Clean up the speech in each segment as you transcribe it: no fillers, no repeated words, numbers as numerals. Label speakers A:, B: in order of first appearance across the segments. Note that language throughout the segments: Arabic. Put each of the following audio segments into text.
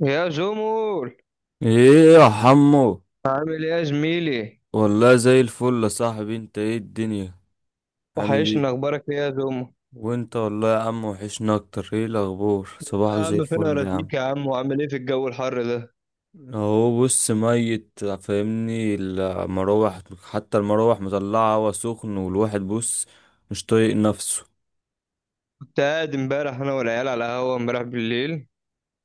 A: يا زومول،
B: ايه يا حمو.
A: عامل ايه يا زميلي؟
B: والله زي الفل يا صاحبي، انت ايه الدنيا؟ عامل
A: وحشني
B: ايه؟
A: اخبارك، ايه يا زومو؟
B: وانت والله يا عم وحشنا اكتر. ايه الاخبار؟ صباحك
A: يا
B: زي
A: عم فين
B: الفل يا
A: اراضيك
B: عم.
A: يا عم، وعامل ايه في الجو الحر ده؟
B: اهو بص، ميت فاهمني المراوح. حتى المراوح مطلعه هوا سخن، والواحد بص مش طايق نفسه.
A: كنت قاعد امبارح انا والعيال على القهوه امبارح بالليل.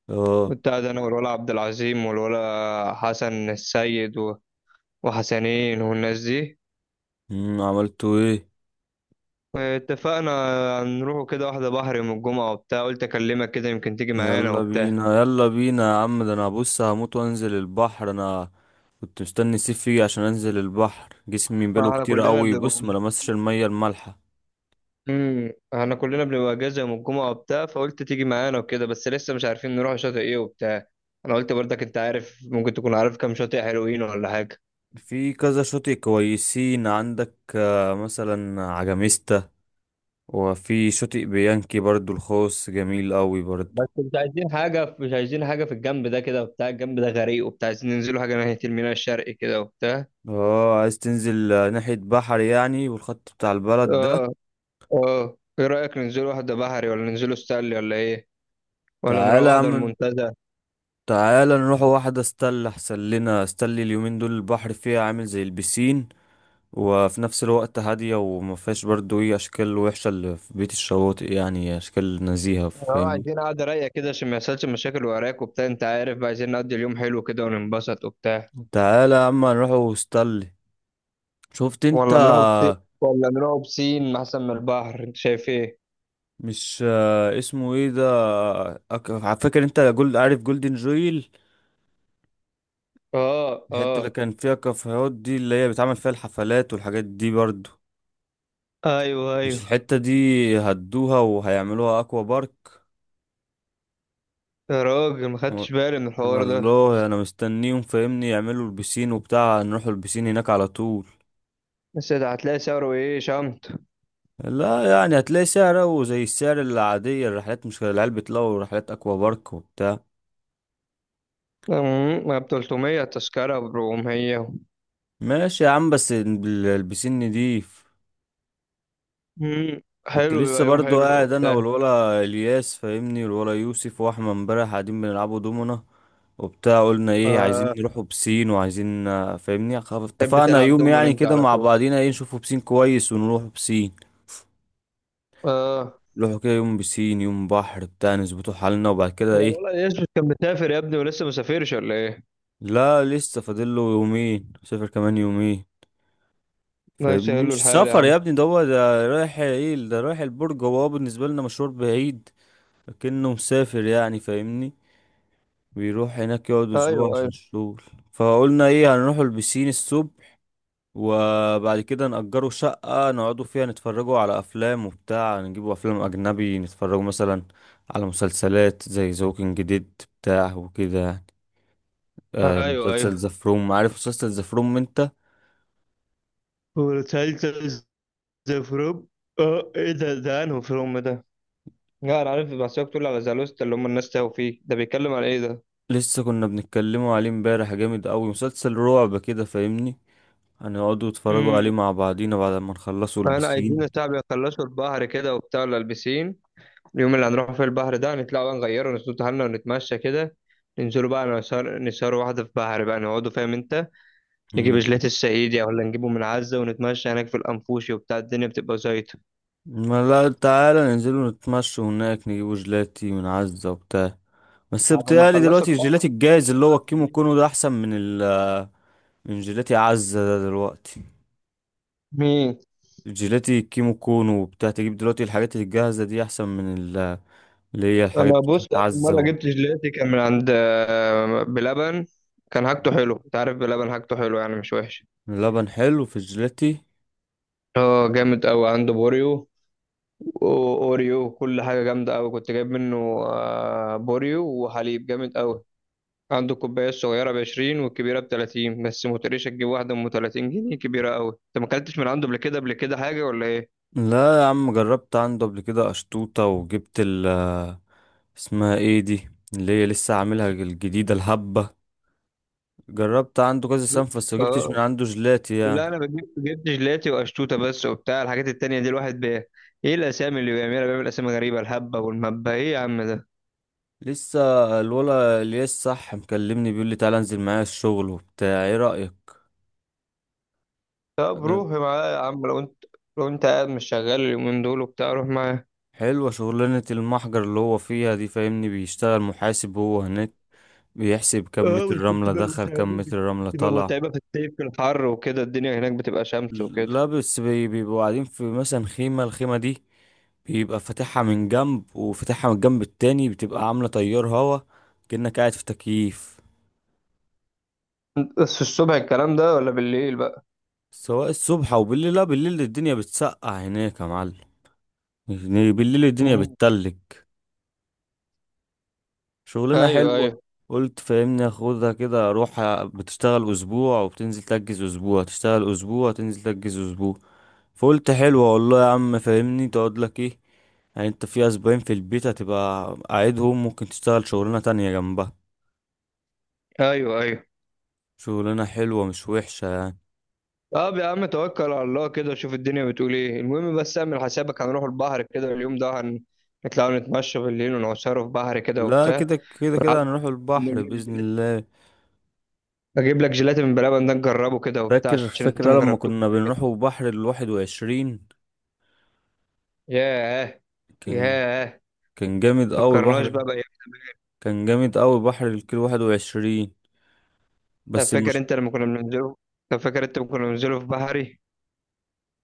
B: اه.
A: كنت قاعد انا والولا عبد العظيم والولا حسن السيد وحسنين والناس دي.
B: عملتوا ايه؟
A: اتفقنا نروحوا كده واحده بحر يوم الجمعه وبتاع، قلت اكلمك كده يمكن تيجي معانا
B: يلا
A: وبتاع.
B: بينا يلا بينا يا عم، ده انا بص هموت وانزل البحر انا. كنت مستني الصيف يجي عشان انزل البحر، جسمي بقاله
A: احنا
B: كتير
A: كلنا
B: قوي بص ما لمسش المية المالحة.
A: احنا كلنا بنبقى اجازه يوم الجمعه وبتاع، فقلت تيجي معانا وكده، بس لسه مش عارفين نروح شاطئ ايه وبتاع. انا قلت برضك انت عارف، ممكن تكون عارف كام شاطئ حلوين ولا حاجه.
B: في كذا شاطئ كويسين عندك مثلا عجميستا. وفي شاطئ بيانكي برضو الخاص جميل قوي
A: بس
B: برضو.
A: مش عايزين حاجه، مش عايزين حاجه في الجنب ده كده وبتاع، الجنب ده غريق وبتاع، عايزين ننزلوا حاجه ناحيه الميناء الشرقي كده وبتاع.
B: اه عايز تنزل ناحية بحر يعني والخط بتاع البلد ده.
A: اه اه، ايه رايك ننزلوا واحده بحري ولا ننزلوا ستانلي ولا ايه؟ ولا نروح
B: تعالى يا
A: واحده
B: عم،
A: المنتزه؟
B: تعالى نروح واحدة استل، احسن لنا استل، اليومين دول البحر فيها عامل زي البسين. وفي نفس الوقت هادية وما فيهاش برضو ايه اشكال وحشة اللي في بيت الشواطئ، يعني اشكال نزيهة
A: اه،
B: فاهمني.
A: عايزين قعده رايقه كده عشان ما يحصلش مشاكل وراك وبتاع، انت عارف بقى، عايزين نقضي اليوم حلو كده وننبسط وبتاع.
B: تعالى يا عم نروح وستانلي. شفت انت؟
A: ولا نروح بسين؟ ولا نروح بسين احسن من البحر؟ انت شايف ايه؟
B: مش اسمه ايه ده. على فكرة انت جولد عارف جولدن جويل؟
A: اه
B: الحتة اللي
A: اه.
B: كان فيها كافيهات دي، اللي هي بيتعمل فيها الحفلات والحاجات دي برضو،
A: ايوه
B: مش
A: ايوه.
B: الحتة دي؟ هدوها وهيعملوها اكوا بارك.
A: يا راجل ما
B: و-
A: خدتش بالي من الحوار ده.
B: والله انا مستنيهم فاهمني يعملوا البسين وبتاع، نروحوا البسين هناك على طول.
A: بس ده هتلاقي سعره ايه شمت؟
B: لا يعني هتلاقي سعره زي السعر العادية الرحلات، مش العيال بيطلعوا رحلات اكوا بارك وبتاع.
A: ما ب 300، التذكرة ب 400.
B: ماشي يا عم، بس البسين نضيف.
A: أمم،
B: كنت
A: حلو،
B: لسه
A: بيبقى يوم
B: برضو
A: حلو
B: قاعد انا
A: وبتاع.
B: والولا الياس فاهمني والولا يوسف واحمد امبارح قاعدين بنلعبوا دومنا وبتاع، قلنا ايه عايزين
A: آه
B: نروحوا بسين، وعايزين فاهمني،
A: تحب
B: اتفقنا
A: تلعب
B: يوم
A: دومين
B: يعني
A: انت
B: كده
A: على
B: مع
A: طول؟
B: بعضينا ايه، نشوفوا بسين كويس ونروح بسين.
A: اه.
B: نروحوا كده يوم بسين يوم بحر بتاع، نظبطوا حالنا، وبعد كده ايه.
A: والله يوسف كان مسافر يا ابني ولسه مسافرش ولا ايه؟
B: لا لسه فاضل له يومين، سافر كمان يومين.
A: الله
B: فاهمني
A: يسهل له
B: مش
A: الحال يا
B: سفر
A: عم.
B: يا ابني، ده هو ده رايح ايه، ده رايح البرج، هو بالنسبة لنا مشوار بعيد. لكنه مسافر يعني فاهمني. بيروح هناك يقعد
A: ايوه
B: اسبوع عشان
A: ايوه.
B: الشغل. فقلنا ايه، هنروحوا البسين الصبح، وبعد كده نأجروا شقة نقعدوا فيها نتفرجوا على أفلام وبتاع، نجيبوا أفلام أجنبي نتفرجوا مثلا على مسلسلات زي ذا ووكينج ديد بتاع وكده يعني. آه،
A: ايوه
B: مسلسل
A: ايوه.
B: ذا فروم، عارف مسلسل ذا فروم انت؟
A: وتسلسل ذا فروم. اه ايه ده؟ انه فروم ده؟ لا انا عارف، بس هي بتقول على زالوستا اللي هم الناس تاهوا فيه، ده بيتكلم على ايه ده؟
B: لسه كنا بنتكلموا عليه امبارح، جامد قوي مسلسل رعب كده فاهمني. هنقعدوا نتفرجوا
A: امم.
B: عليه مع بعضينا بعد ما نخلصوا
A: انا عايزين
B: البسين.
A: الشعب يخلصوا البحر كده وبتاع لابسين. اليوم اللي هنروح فيه البحر ده، نطلع بقى نغيره، نسوت حالنا ونتمشى كده. ننزلوا بقى نسهر، نسهر واحدة في بحر بقى، نقعدوا فاهم انت. نجيب
B: مم.
A: جيلاتي الصعيدي ولا نجيبه من عزة، ونتمشى هناك في الأنفوشي وبتاع، الدنيا بتبقى زيطة.
B: ما لا تعالى ننزلوا نتمشوا هناك، نجيبوا جيلاتي من عزة وبتاع. بس
A: بعد ما
B: بتهيألي
A: خلصوا
B: دلوقتي الجيلاتي
A: البحر
B: الجاهز
A: ده
B: اللي هو
A: بقى
B: الكيمو
A: بالليل.
B: كونو ده احسن من ال، من جيلاتي عزة ده دلوقتي.
A: مين؟
B: الجيلاتي الكيمو كونو وبتاع، تجيب دلوقتي الحاجات الجاهزة دي احسن من اللي هي الحاجات
A: أنا بص
B: بتاعت
A: آخر مرة
B: عزة.
A: جبت جيلاتي كان من عند بلبن. كان حاجته حلو، أنت عارف بلبن حاجته حلو، يعني مش وحش.
B: اللبن حلو في الجيلاتي.
A: اه جامد قوي، عنده بوريو واوريو وكل حاجه جامده قوي كنت جايب منه. بوريو وحليب جامد قوي. عنده الكوبايه الصغيره ب 20 والكبيره ب 30، بس ما تقوليش تجيب واحده ام 30 جنيه، كبيره قوي. انت ما اكلتش من عنده قبل كده، قبل كده حاجه ولا ايه؟
B: لا يا عم، جربت عنده قبل كده أشطوطة، وجبت ال، اسمها ايه دي اللي هي لسه عاملها الجديدة، الهبة. جربت عنده كذا سنة بس مجبتش من
A: اه.
B: عنده جلاتي
A: لا
B: يعني.
A: انا بجيب، جبت جيلاتي وقشطوطه بس وبتاع، الحاجات التانية دي الواحد بيه ايه الاسامي اللي بيعملها؟ بيعمل اسامي غريبه، الهبه والمبه ايه يا عم ده؟
B: لسه الولا الياس صح مكلمني بيقول لي تعالى انزل معايا الشغل وبتاع، ايه رأيك؟
A: طب
B: أه،
A: روح معاه يا عم لو انت قاعد مش شغال اليومين دول وبتاع، روح معاه.
B: حلوة شغلانة المحجر اللي هو فيها دي فاهمني، بيشتغل محاسب هو هناك. بيحسب كم
A: اه
B: متر
A: بس
B: رملة
A: بتبقى
B: دخل كم
A: متعبة،
B: متر رملة طلع.
A: في الصيف في الحر وكده الدنيا هناك بتبقى شمس وكده.
B: لا بس بيبقوا قاعدين في مثلا خيمة، الخيمة دي بيبقى فاتحها من جنب وفاتحها من الجنب التاني، بتبقى عاملة تيار هوا، كأنك قاعد في تكييف.
A: بس في الصبح الكلام ده ولا بالليل بقى؟
B: سواء الصبح أو بالليل، لا بالليل الدنيا بتسقع هناك يا معلم. يعني بالليل الدنيا
A: مم.
B: بتتلج. شغلانة
A: ايوه
B: حلوة.
A: ايوه.
B: قلت فاهمني اخدها كده، اروح بتشتغل اسبوع وبتنزل تجز اسبوع، تشتغل اسبوع تنزل تجز اسبوع. فقلت حلو، اقول له يا عم فاهمني تقعد لك ايه، يعني انت في اسبوعين في البيت هتبقى قاعدهم، ممكن تشتغل شغلانة تانية جنبها.
A: ايوه ايوه.
B: شغلانة حلوة مش وحشة يعني.
A: طب يا عم توكل على الله كده وشوف الدنيا بتقول ايه، المهم بس اعمل حسابك هنروح البحر كده اليوم ده، هنطلع نتمشى بالليل ونعصره في بحر كده
B: لا
A: وبتاع.
B: كده كده كده
A: ونعدي
B: هنروح البحر
A: نجيب
B: بإذن
A: جيلاتي،
B: الله.
A: اجيب لك جيلاتي من بلبن ده نجربه كده وبتاع
B: فاكر
A: عشان انت ما
B: فاكر لما
A: جربتوش
B: كنا
A: قبل كده.
B: بنروحوا بحر 21؟
A: ياه.
B: كان
A: ياه.
B: كان جامد قوي
A: فكرناش
B: بحر.
A: بقى.
B: كان جامد قوي بحر الكيلو 21.
A: طب
B: بس
A: فاكر
B: المشكلة،
A: انت لما كنا بننزله طب فاكر انت لما كنا بننزله في بحري.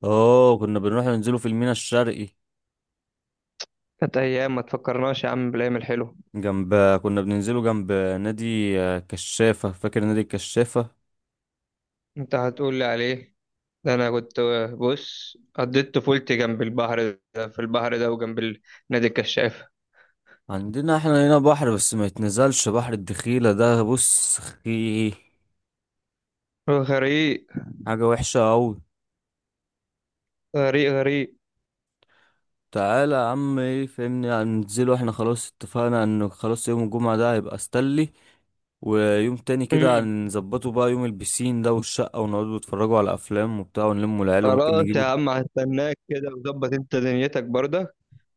B: اه كنا بنروح ننزله في الميناء الشرقي.
A: كانت ايام، ما تفكرناش يا عم بالايام الحلوه.
B: جنب، كنا بننزله جنب نادي كشافة، فاكر نادي الكشافة؟
A: انت هتقول لي عليه؟ ده انا كنت بص، قضيت طفولتي جنب البحر ده، في البحر ده، وجنب نادي الكشافه.
B: عندنا احنا هنا بحر بس ما يتنزلش بحر الدخيلة ده، بص خي،
A: غريق
B: حاجة وحشة أوي.
A: غريق غريق.
B: تعالى يا عم ايه فهمني، هننزله احنا خلاص، اتفقنا انه خلاص يوم الجمعة ده هيبقى ستانلي، ويوم تاني كده
A: امم.
B: هنظبطه بقى يوم البسين ده والشقة، ونقعدوا نتفرجوا على أفلام وبتاع، ونلموا العيال، وممكن
A: خلاص يا
B: نجيبه.
A: عم هستناك كده، وظبط انت دنيتك برضه.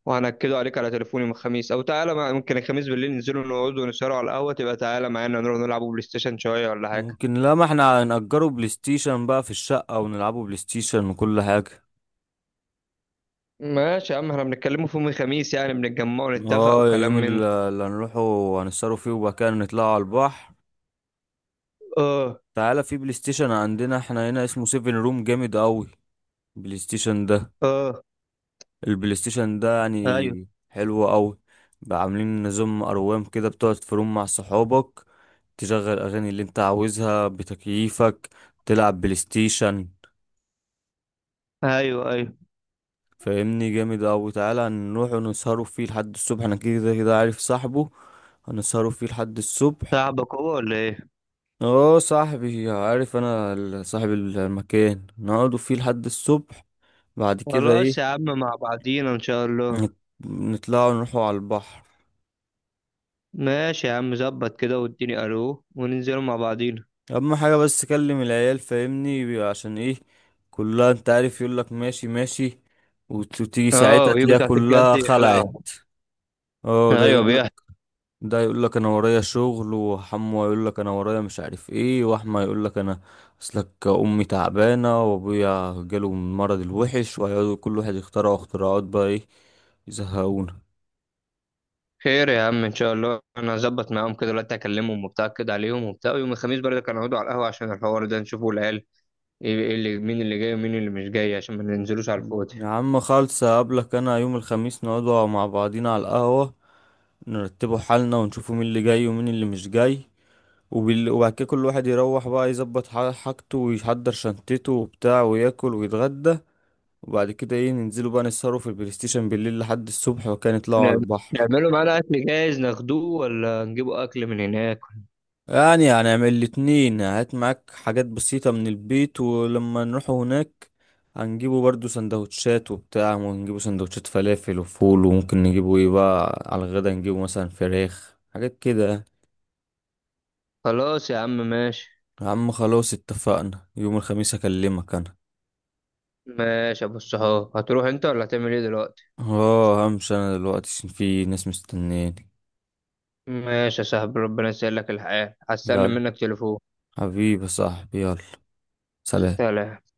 A: وهنكده عليك على تليفوني من الخميس، او تعالى ممكن الخميس بالليل ننزلوا نقعدوا ونسهروا على القهوه، تبقى تعالى معانا نروح نلعبوا بلاي ستيشن شويه ولا حاجه.
B: ممكن، لا ما احنا هنأجره بلاي ستيشن بقى في الشقة، ونلعبوا بلاي ستيشن وكل حاجة.
A: ماشي يا عم احنا بنتكلموا في يوم الخميس، يعني بنتجمع ونتفق
B: اه يوم
A: وكلام من ده.
B: اللي هنروحه هنسهروا فيه، وبعد كده نطلعوا على البحر.
A: اه.
B: تعالى، في بلاي ستيشن عندنا احنا هنا اسمه سيفن روم، جامد قوي بلاي ستيشن ده.
A: اه.
B: البلاي ستيشن ده
A: ايوه
B: يعني حلو قوي. بقى عاملين نظام اروام كده، بتقعد في روم مع صحابك، تشغل اغاني اللي انت عاوزها بتكييفك، تلعب بلاي ستيشن.
A: ايوه. ايوه.
B: فاهمني، جامد قوي. تعالى نروح ونسهروا فيه لحد الصبح، انا كده كده عارف صاحبه. هنسهروا فيه لحد الصبح.
A: صاحبك هو ولا ايه؟
B: اه صاحبي، عارف انا ال، صاحب المكان، نقعدوا فيه لحد الصبح. بعد كده
A: خلاص يا
B: ايه،
A: عم مع بعضينا ان شاء الله.
B: نت- نطلعوا نروحوا على البحر.
A: ماشي يا عم، ظبط كده واديني الو وننزلوا مع بعضينا.
B: اهم حاجه بس كلم العيال فاهمني عشان ايه، كلها انت عارف يقول لك ماشي ماشي، وتيجي
A: اه
B: ساعتها
A: ويجوا
B: تلاقيها
A: تحت الجد
B: كلها
A: يخلعوا.
B: خلعت. اه ده يقول
A: ايوه
B: لك،
A: بيحصل.
B: ده يقول لك انا ورايا شغل، وحمو يقول لك انا ورايا مش عارف ايه، واحمى يقول لك انا اصلك امي تعبانه وابويا جاله من المرض الوحش، وهيقعدوا كل واحد يخترعوا اختراعات بقى ايه، يزهقونا.
A: خير يا عم ان شاء الله، انا هظبط معاهم كده دلوقتي، اكلمهم وبتاع كده عليهم وبتاع، ويوم الخميس برضه كانوا هيقعدوا على القهوه عشان الحوار ده نشوفوا العيال. ايه إيه اللي مين اللي جاي ومين اللي مش جاي، عشان ما ننزلوش على الفاضي.
B: يا عم خالص، هقابلك انا يوم الخميس نقعدوا مع بعضينا على القهوه، نرتبه حالنا ونشوفه مين اللي جاي ومين اللي مش جاي. وبعد كده كل واحد يروح بقى يظبط حاجته ويحضر شنطته وبتاع وياكل ويتغدى. وبعد كده ايه، ننزلوا بقى نسهروا في البلاي ستيشن بالليل لحد الصبح، وكان يطلعوا على
A: نعم-
B: البحر.
A: نعمله معانا أكل جاهز ناخدوه ولا نجيبه أكل من هناك؟
B: يعني هنعمل الاتنين، هات معاك حاجات بسيطة من البيت، ولما نروحوا هناك هنجيبوا برضو سندوتشات وبتاع، ونجيبوا سندوتشات فلافل وفول، وممكن نجيبوا ايه بقى على الغدا، نجيبوا مثلا فراخ حاجات كده يعني.
A: خلاص يا عم ماشي.
B: يا عم خلاص اتفقنا يوم الخميس اكلمك انا.
A: ماشي يا أبو الصحاب، هتروح أنت ولا هتعمل إيه دلوقتي؟
B: اه همشي انا دلوقتي عشان في ناس مستنياني.
A: ماشي يا صاحبي ربنا يسهل لك الحال، هستنى
B: يلا،
A: منك تليفون.
B: حبيبي يا صاحبي، يلا. سلام.
A: سلام.